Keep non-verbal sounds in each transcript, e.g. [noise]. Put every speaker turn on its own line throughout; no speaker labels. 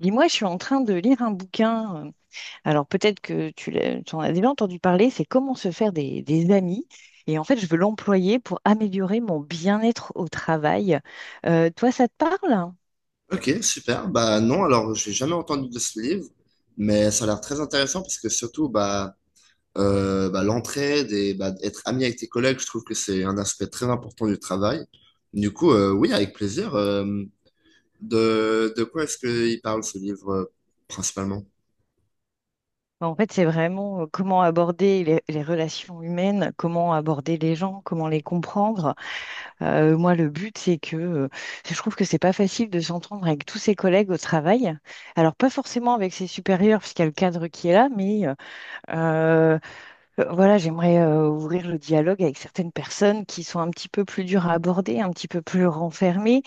Dis-moi, je suis en train de lire un bouquin. Alors peut-être que tu en as déjà entendu parler, c'est Comment se faire des amis. Et en fait, je veux l'employer pour améliorer mon bien-être au travail. Toi, ça te parle?
Ok, super. Bah non, alors j'ai jamais entendu de ce livre, mais ça a l'air très intéressant parce que surtout bah, bah l'entraide et bah, être ami avec tes collègues, je trouve que c'est un aspect très important du travail. Du coup, oui, avec plaisir. De quoi est-ce qu'il parle ce livre principalement?
En fait, c'est vraiment comment aborder les relations humaines, comment aborder les gens, comment les comprendre. Moi, le but, c'est que je trouve que c'est pas facile de s'entendre avec tous ses collègues au travail. Alors, pas forcément avec ses supérieurs, puisqu'il y a le cadre qui est là, mais... euh, Euh, Voilà, j'aimerais ouvrir le dialogue avec certaines personnes qui sont un petit peu plus dures à aborder, un petit peu plus renfermées.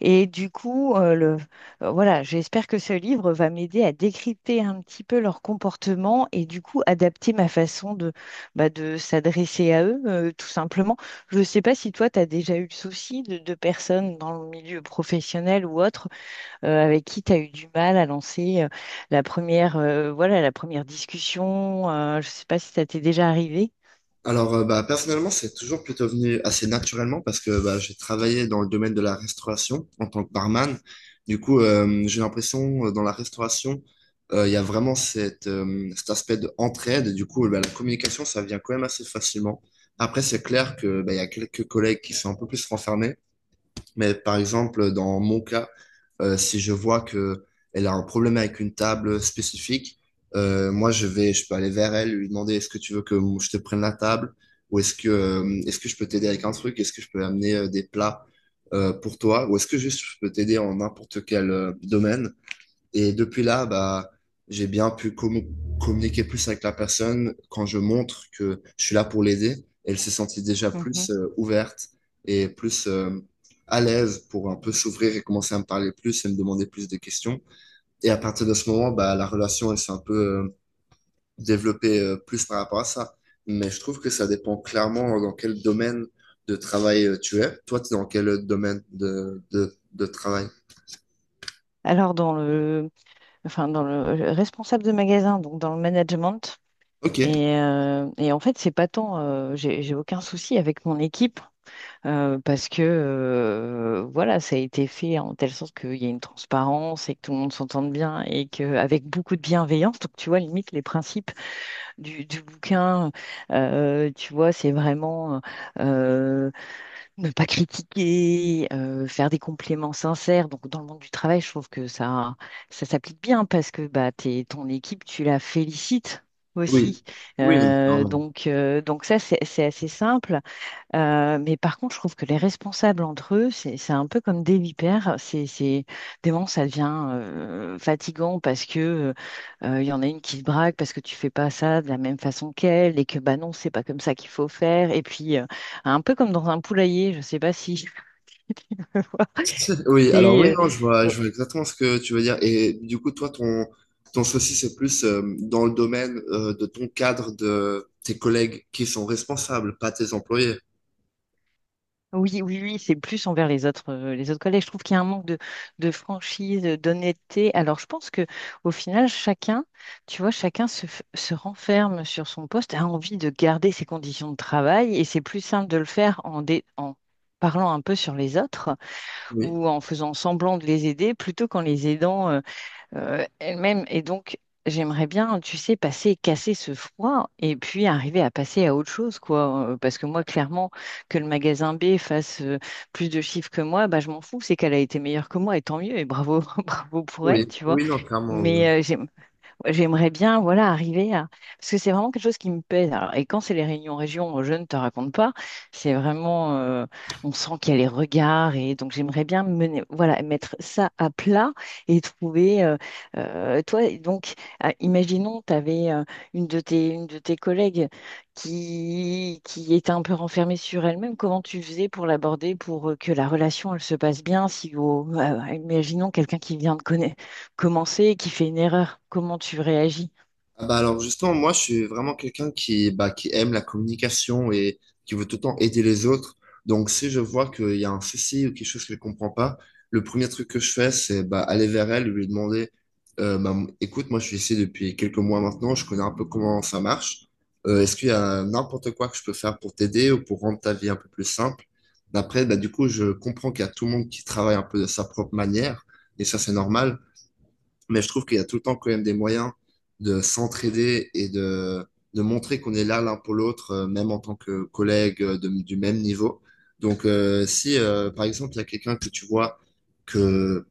Et du coup, j'espère que ce livre va m'aider à décrypter un petit peu leur comportement et du coup adapter ma façon de s'adresser à eux, tout simplement. Je ne sais pas si toi, tu as déjà eu le souci de personnes dans le milieu professionnel ou autre avec qui tu as eu du mal à lancer la première discussion. Je ne sais pas si ça t'est déjà arrivé.
Alors, bah, personnellement, c'est toujours plutôt venu assez naturellement parce que bah, j'ai travaillé dans le domaine de la restauration en tant que barman. Du coup, j'ai l'impression, dans la restauration, il y a vraiment cette, cet aspect d'entraide. Du coup, bah, la communication, ça vient quand même assez facilement. Après, c'est clair que bah, il y a quelques collègues qui sont un peu plus renfermés. Mais par exemple, dans mon cas, si je vois que elle a un problème avec une table spécifique, moi je vais, je peux aller vers elle, lui demander est-ce que tu veux que je te prenne la table ou est-ce que je peux t'aider avec un truc, est-ce que je peux amener des plats pour toi ou est-ce que juste je peux t'aider en n'importe quel domaine. Et depuis là, bah, j'ai bien pu commu- communiquer plus avec la personne quand je montre que je suis là pour l'aider. Elle s'est sentie déjà plus
Mhm.
ouverte et plus à l'aise pour un peu s'ouvrir et commencer à me parler plus et me demander plus de questions. Et à partir de ce moment, bah, la relation, elle s'est un peu développée plus par rapport à ça. Mais je trouve que ça dépend clairement dans quel domaine de travail tu es. Toi, tu es dans quel domaine de travail?
Alors, dans le, enfin, dans le Responsable de magasin, donc dans le management.
Ok,
Et, et en fait, c'est pas tant, j'ai aucun souci avec mon équipe parce que ça a été fait en telle sorte qu'il y a une transparence et que tout le monde s'entende bien et qu'avec beaucoup de bienveillance, donc tu vois, limite, les principes du bouquin. Tu vois, c'est vraiment euh, ne pas critiquer, faire des compléments sincères. Donc, dans le monde du travail, je trouve que ça s'applique bien parce que bah, ton équipe, tu la félicites
oui.
aussi.
Oui, non, clairement.
Donc ça, c'est assez simple. Mais par contre, je trouve que les responsables entre eux, c'est un peu comme des vipères. Des moments, ça devient fatigant parce que il y en a une qui se braque parce que tu fais pas ça de la même façon qu'elle et que bah non, c'est pas comme ça qu'il faut faire. Et puis un peu comme dans un poulailler, je sais pas si [laughs] tu vois.
[laughs] Oui, alors oui,
C'est,
non,
euh,
je vois exactement ce que tu veux dire. Et du coup, toi, ton souci, c'est plus dans le domaine de ton cadre, de tes collègues qui sont responsables, pas tes employés.
Oui, oui, oui, c'est plus envers les autres collègues. Je trouve qu'il y a un manque de franchise, d'honnêteté. Alors, je pense que au final, chacun, tu vois, chacun se renferme sur son poste, a envie de garder ses conditions de travail, et c'est plus simple de le faire en parlant un peu sur les autres
Oui,
ou en faisant semblant de les aider plutôt qu'en les aidant elle-même. Et donc, j'aimerais bien, tu sais, passer, casser ce froid et puis arriver à passer à autre chose, quoi. Parce que moi, clairement, que le magasin B fasse plus de chiffres que moi, bah, je m'en fous. C'est qu'elle a été meilleure que moi et tant mieux. Et bravo, [laughs] bravo pour elle,
oui,
tu vois.
oui, non, clairement. Oui.
Mais j'aimerais bien, voilà, arriver à... Parce que c'est vraiment quelque chose qui me pèse. Alors, et quand c'est les réunions région, je ne te raconte pas, c'est vraiment... on sent qu'il y a les regards. Et donc, j'aimerais bien mener, voilà, mettre ça à plat et trouver... toi, donc, ah, imaginons, tu avais une de tes collègues qui était un peu renfermée sur elle-même. Comment tu faisais pour l'aborder, pour que la relation, elle se passe bien, si... imaginons quelqu'un qui vient de connaître commencer, qui fait une erreur, comment tu réagis?
Ah bah alors justement, moi je suis vraiment quelqu'un qui, bah, qui aime la communication et qui veut tout le temps aider les autres. Donc si je vois qu'il y a un souci ou quelque chose que je comprends pas, le premier truc que je fais, c'est bah, aller vers elle et lui demander, bah, écoute, moi je suis ici depuis quelques mois maintenant, je connais un peu comment ça marche. Est-ce qu'il y a n'importe quoi que je peux faire pour t'aider ou pour rendre ta vie un peu plus simple? Après, bah, du coup, je comprends qu'il y a tout le monde qui travaille un peu de sa propre manière et ça c'est normal. Mais je trouve qu'il y a tout le temps quand même des moyens de s'entraider et de montrer qu'on est là l'un pour l'autre, même en tant que collègue du même niveau. Donc, si par exemple, il y a quelqu'un que tu vois que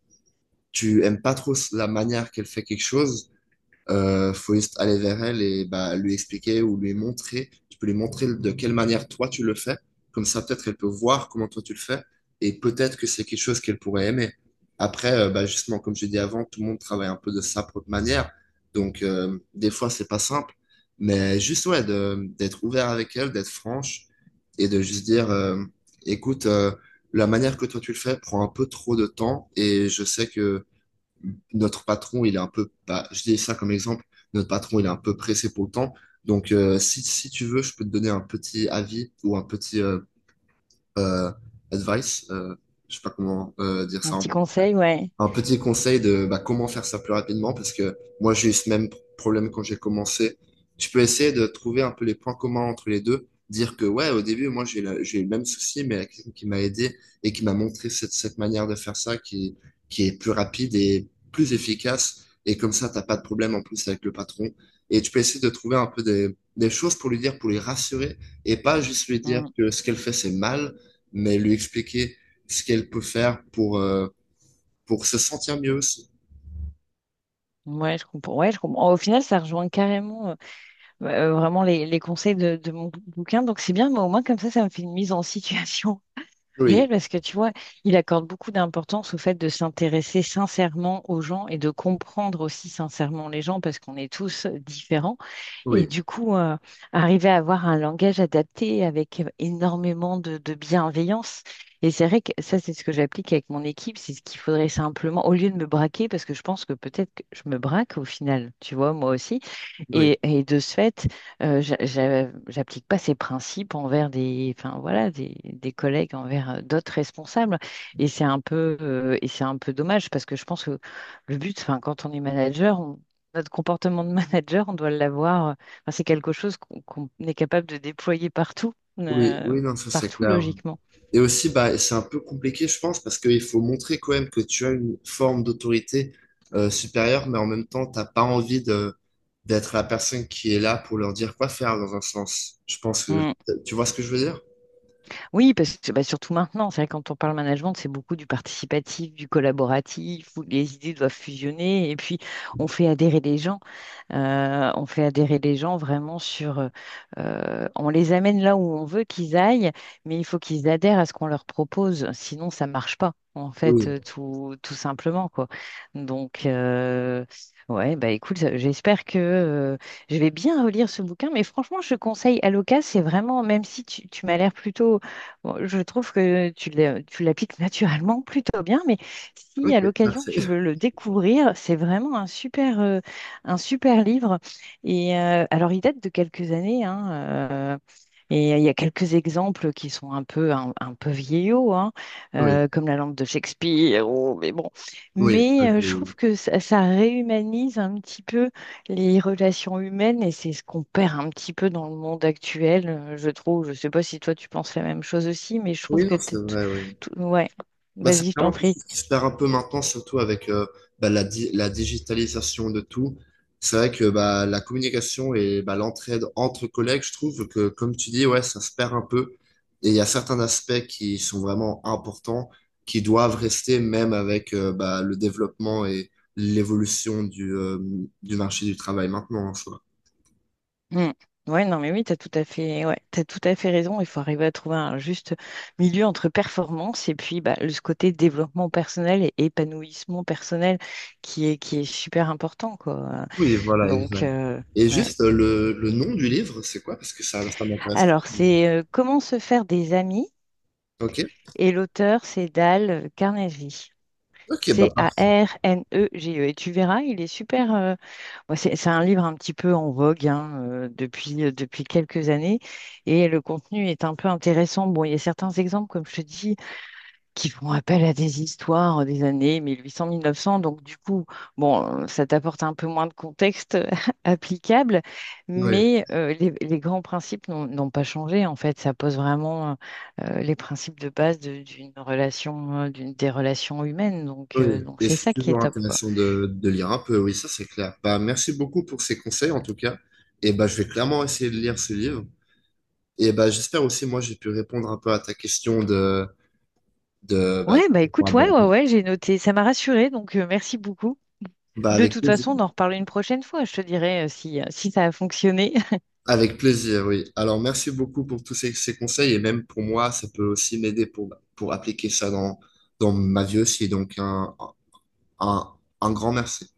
tu aimes pas trop la manière qu'elle fait quelque chose, faut juste aller vers elle et bah, lui expliquer ou lui montrer. Tu peux lui montrer de quelle manière toi tu le fais. Comme ça, peut-être elle peut voir comment toi tu le fais. Et peut-être que c'est quelque chose qu'elle pourrait aimer. Après, bah, justement, comme je l'ai dit avant, tout le monde travaille un peu de sa propre manière. Donc, des fois, c'est pas simple. Mais juste, ouais, d'être ouvert avec elle, d'être franche et de juste dire, écoute, la manière que toi tu le fais prend un peu trop de temps et je sais que notre patron, il est un peu, bah, je dis ça comme exemple, notre patron, il est un peu pressé pour le temps. Donc, si tu veux, je peux te donner un petit avis ou un petit euh, advice. Je sais pas comment dire
Un
ça
petit
en
conseil, ouais.
un petit conseil de bah, comment faire ça plus rapidement, parce que moi j'ai eu ce même problème quand j'ai commencé. Tu peux essayer de trouver un peu les points communs entre les deux, dire que ouais, au début, moi j'ai eu le même souci, mais il y a quelqu'un qui m'a aidé et qui m'a montré cette manière de faire ça qui est plus rapide et plus efficace. Et comme ça, t'as pas de problème en plus avec le patron. Et tu peux essayer de trouver un peu des choses pour lui dire, pour lui rassurer, et pas juste lui dire
Mm.
que ce qu'elle fait, c'est mal, mais lui expliquer ce qu'elle peut faire pour se sentir mieux aussi.
Ouais, je comprends. Ouais, je comprends. Au final, ça rejoint carrément vraiment les conseils de mon bouquin. Donc, c'est bien, mais au moins, comme ça me fait une mise en situation
Oui,
réel parce que tu vois, il accorde beaucoup d'importance au fait de s'intéresser sincèrement aux gens et de comprendre aussi sincèrement les gens parce qu'on est tous différents. Et
oui,
du coup, arriver à avoir un langage adapté avec énormément de bienveillance. Et c'est vrai que ça, c'est ce que j'applique avec mon équipe. C'est ce qu'il faudrait simplement, au lieu de me braquer, parce que je pense que peut-être que je me braque au final, tu vois, moi aussi.
oui,
Et de ce fait, j'applique pas ces principes envers des, enfin voilà, des collègues, envers d'autres responsables. Et c'est un peu dommage parce que je pense que le but, enfin, quand on est manager, on- notre comportement de [laughs] manager, on doit l'avoir. Enfin, c'est quelque chose qu'on est capable de déployer partout,
oui,
euh,
oui, non, ça c'est
partout
clair.
logiquement.
Et aussi, bah, c'est un peu compliqué, je pense, parce qu'il faut montrer quand même que tu as une forme d'autorité supérieure, mais en même temps, t'as pas envie de d'être la personne qui est là pour leur dire quoi faire dans un sens. Je pense que
Mm.
tu vois ce que je veux dire?
Oui, parce que bah, surtout maintenant, c'est vrai, que quand on parle management, c'est beaucoup du participatif, du collaboratif, où les idées doivent fusionner, et puis on fait adhérer les gens. On fait adhérer les gens vraiment sur... on les amène là où on veut qu'ils aillent, mais il faut qu'ils adhèrent à ce qu'on leur propose, sinon ça marche pas, en fait,
Oui.
tout simplement, quoi. Donc, euh, ouais, bah écoute, j'espère que... je vais bien relire ce bouquin, mais franchement, je conseille Aloca, c'est vraiment, même si tu m'as l'air plutôt bon, je trouve que tu l'appliques naturellement [laughs] plutôt bien, mais si
Ok,
à l'occasion
merci.
tu veux
[laughs]
le découvrir, c'est vraiment un super livre. Et alors, il date de quelques années, hein, et il y a quelques exemples qui sont un peu vieillots, hein,
Oui,
comme la lampe de Shakespeare, ou- mais bon.
oui,
Mais
ok,
je
oui.
trouve que ça réhumanise un petit peu les relations humaines, et c'est ce qu'on perd un petit peu dans le monde actuel, je trouve. Je sais pas si toi tu penses la même chose aussi, mais je trouve
Oui,
que
non, c'est vrai, oui.
ouais,
Bah, c'est
vas-y, je t'en
vraiment quelque
prie.
chose qui se perd un peu maintenant, surtout avec bah, la digitalisation de tout. C'est vrai que bah, la communication et bah, l'entraide entre collègues, je trouve que, comme tu dis, ouais, ça se perd un peu. Et il y a certains aspects qui sont vraiment importants, qui doivent rester même avec bah, le développement et l'évolution du marché du travail maintenant en soi.
Mm. Ouais, non, mais oui, t'as tout à fait, ouais, t'as tout à fait raison. Il faut arriver à trouver un juste milieu entre performance et puis bah, ce côté développement personnel et épanouissement personnel qui est super important, quoi.
Oui, voilà,
Donc,
exact.
euh,
Et
ouais.
juste le nom du livre, c'est quoi? Parce que ça m'intéresse.
Alors, c'est Comment se faire des amis,
Ok,
et l'auteur, c'est Dale Carnegie.
ok, bah parfait.
C-A-R-N-E-G-E. Et tu verras, il est super. Bon, c'est un livre un petit peu en vogue hein, depuis quelques années. Et le contenu est un peu intéressant. Bon, il y a certains exemples, comme je te dis, qui font appel à des histoires des années 1800-1900. Donc, du coup, bon, ça t'apporte un peu moins de contexte [laughs] applicable,
Oui.
mais les grands principes n'ont pas changé. En fait, ça pose vraiment les principes de base d'une relation, des relations humaines.
Oui,
Donc
et
c'est
c'est
ça qui
toujours
est top, quoi.
intéressant de lire un peu, oui, ça c'est clair. Bah, merci beaucoup pour ces conseils en tout cas. Et bah, je vais clairement essayer de lire ce livre. Et bah, j'espère aussi, moi, j'ai pu répondre un peu à ta question de, bah,
Ouais, bah
de point
écoute, ouais, ouais,
abordé.
ouais, j'ai noté. Ça m'a rassurée, donc merci beaucoup.
Bah,
De
avec
toute
plaisir.
façon, on en reparle une prochaine fois. Je te dirai si, si ça a fonctionné.
Avec plaisir, oui. Alors, merci beaucoup pour tous ces, ces conseils. Et même pour moi, ça peut aussi m'aider pour appliquer ça dans, dans ma vie aussi. Donc, un, un grand merci.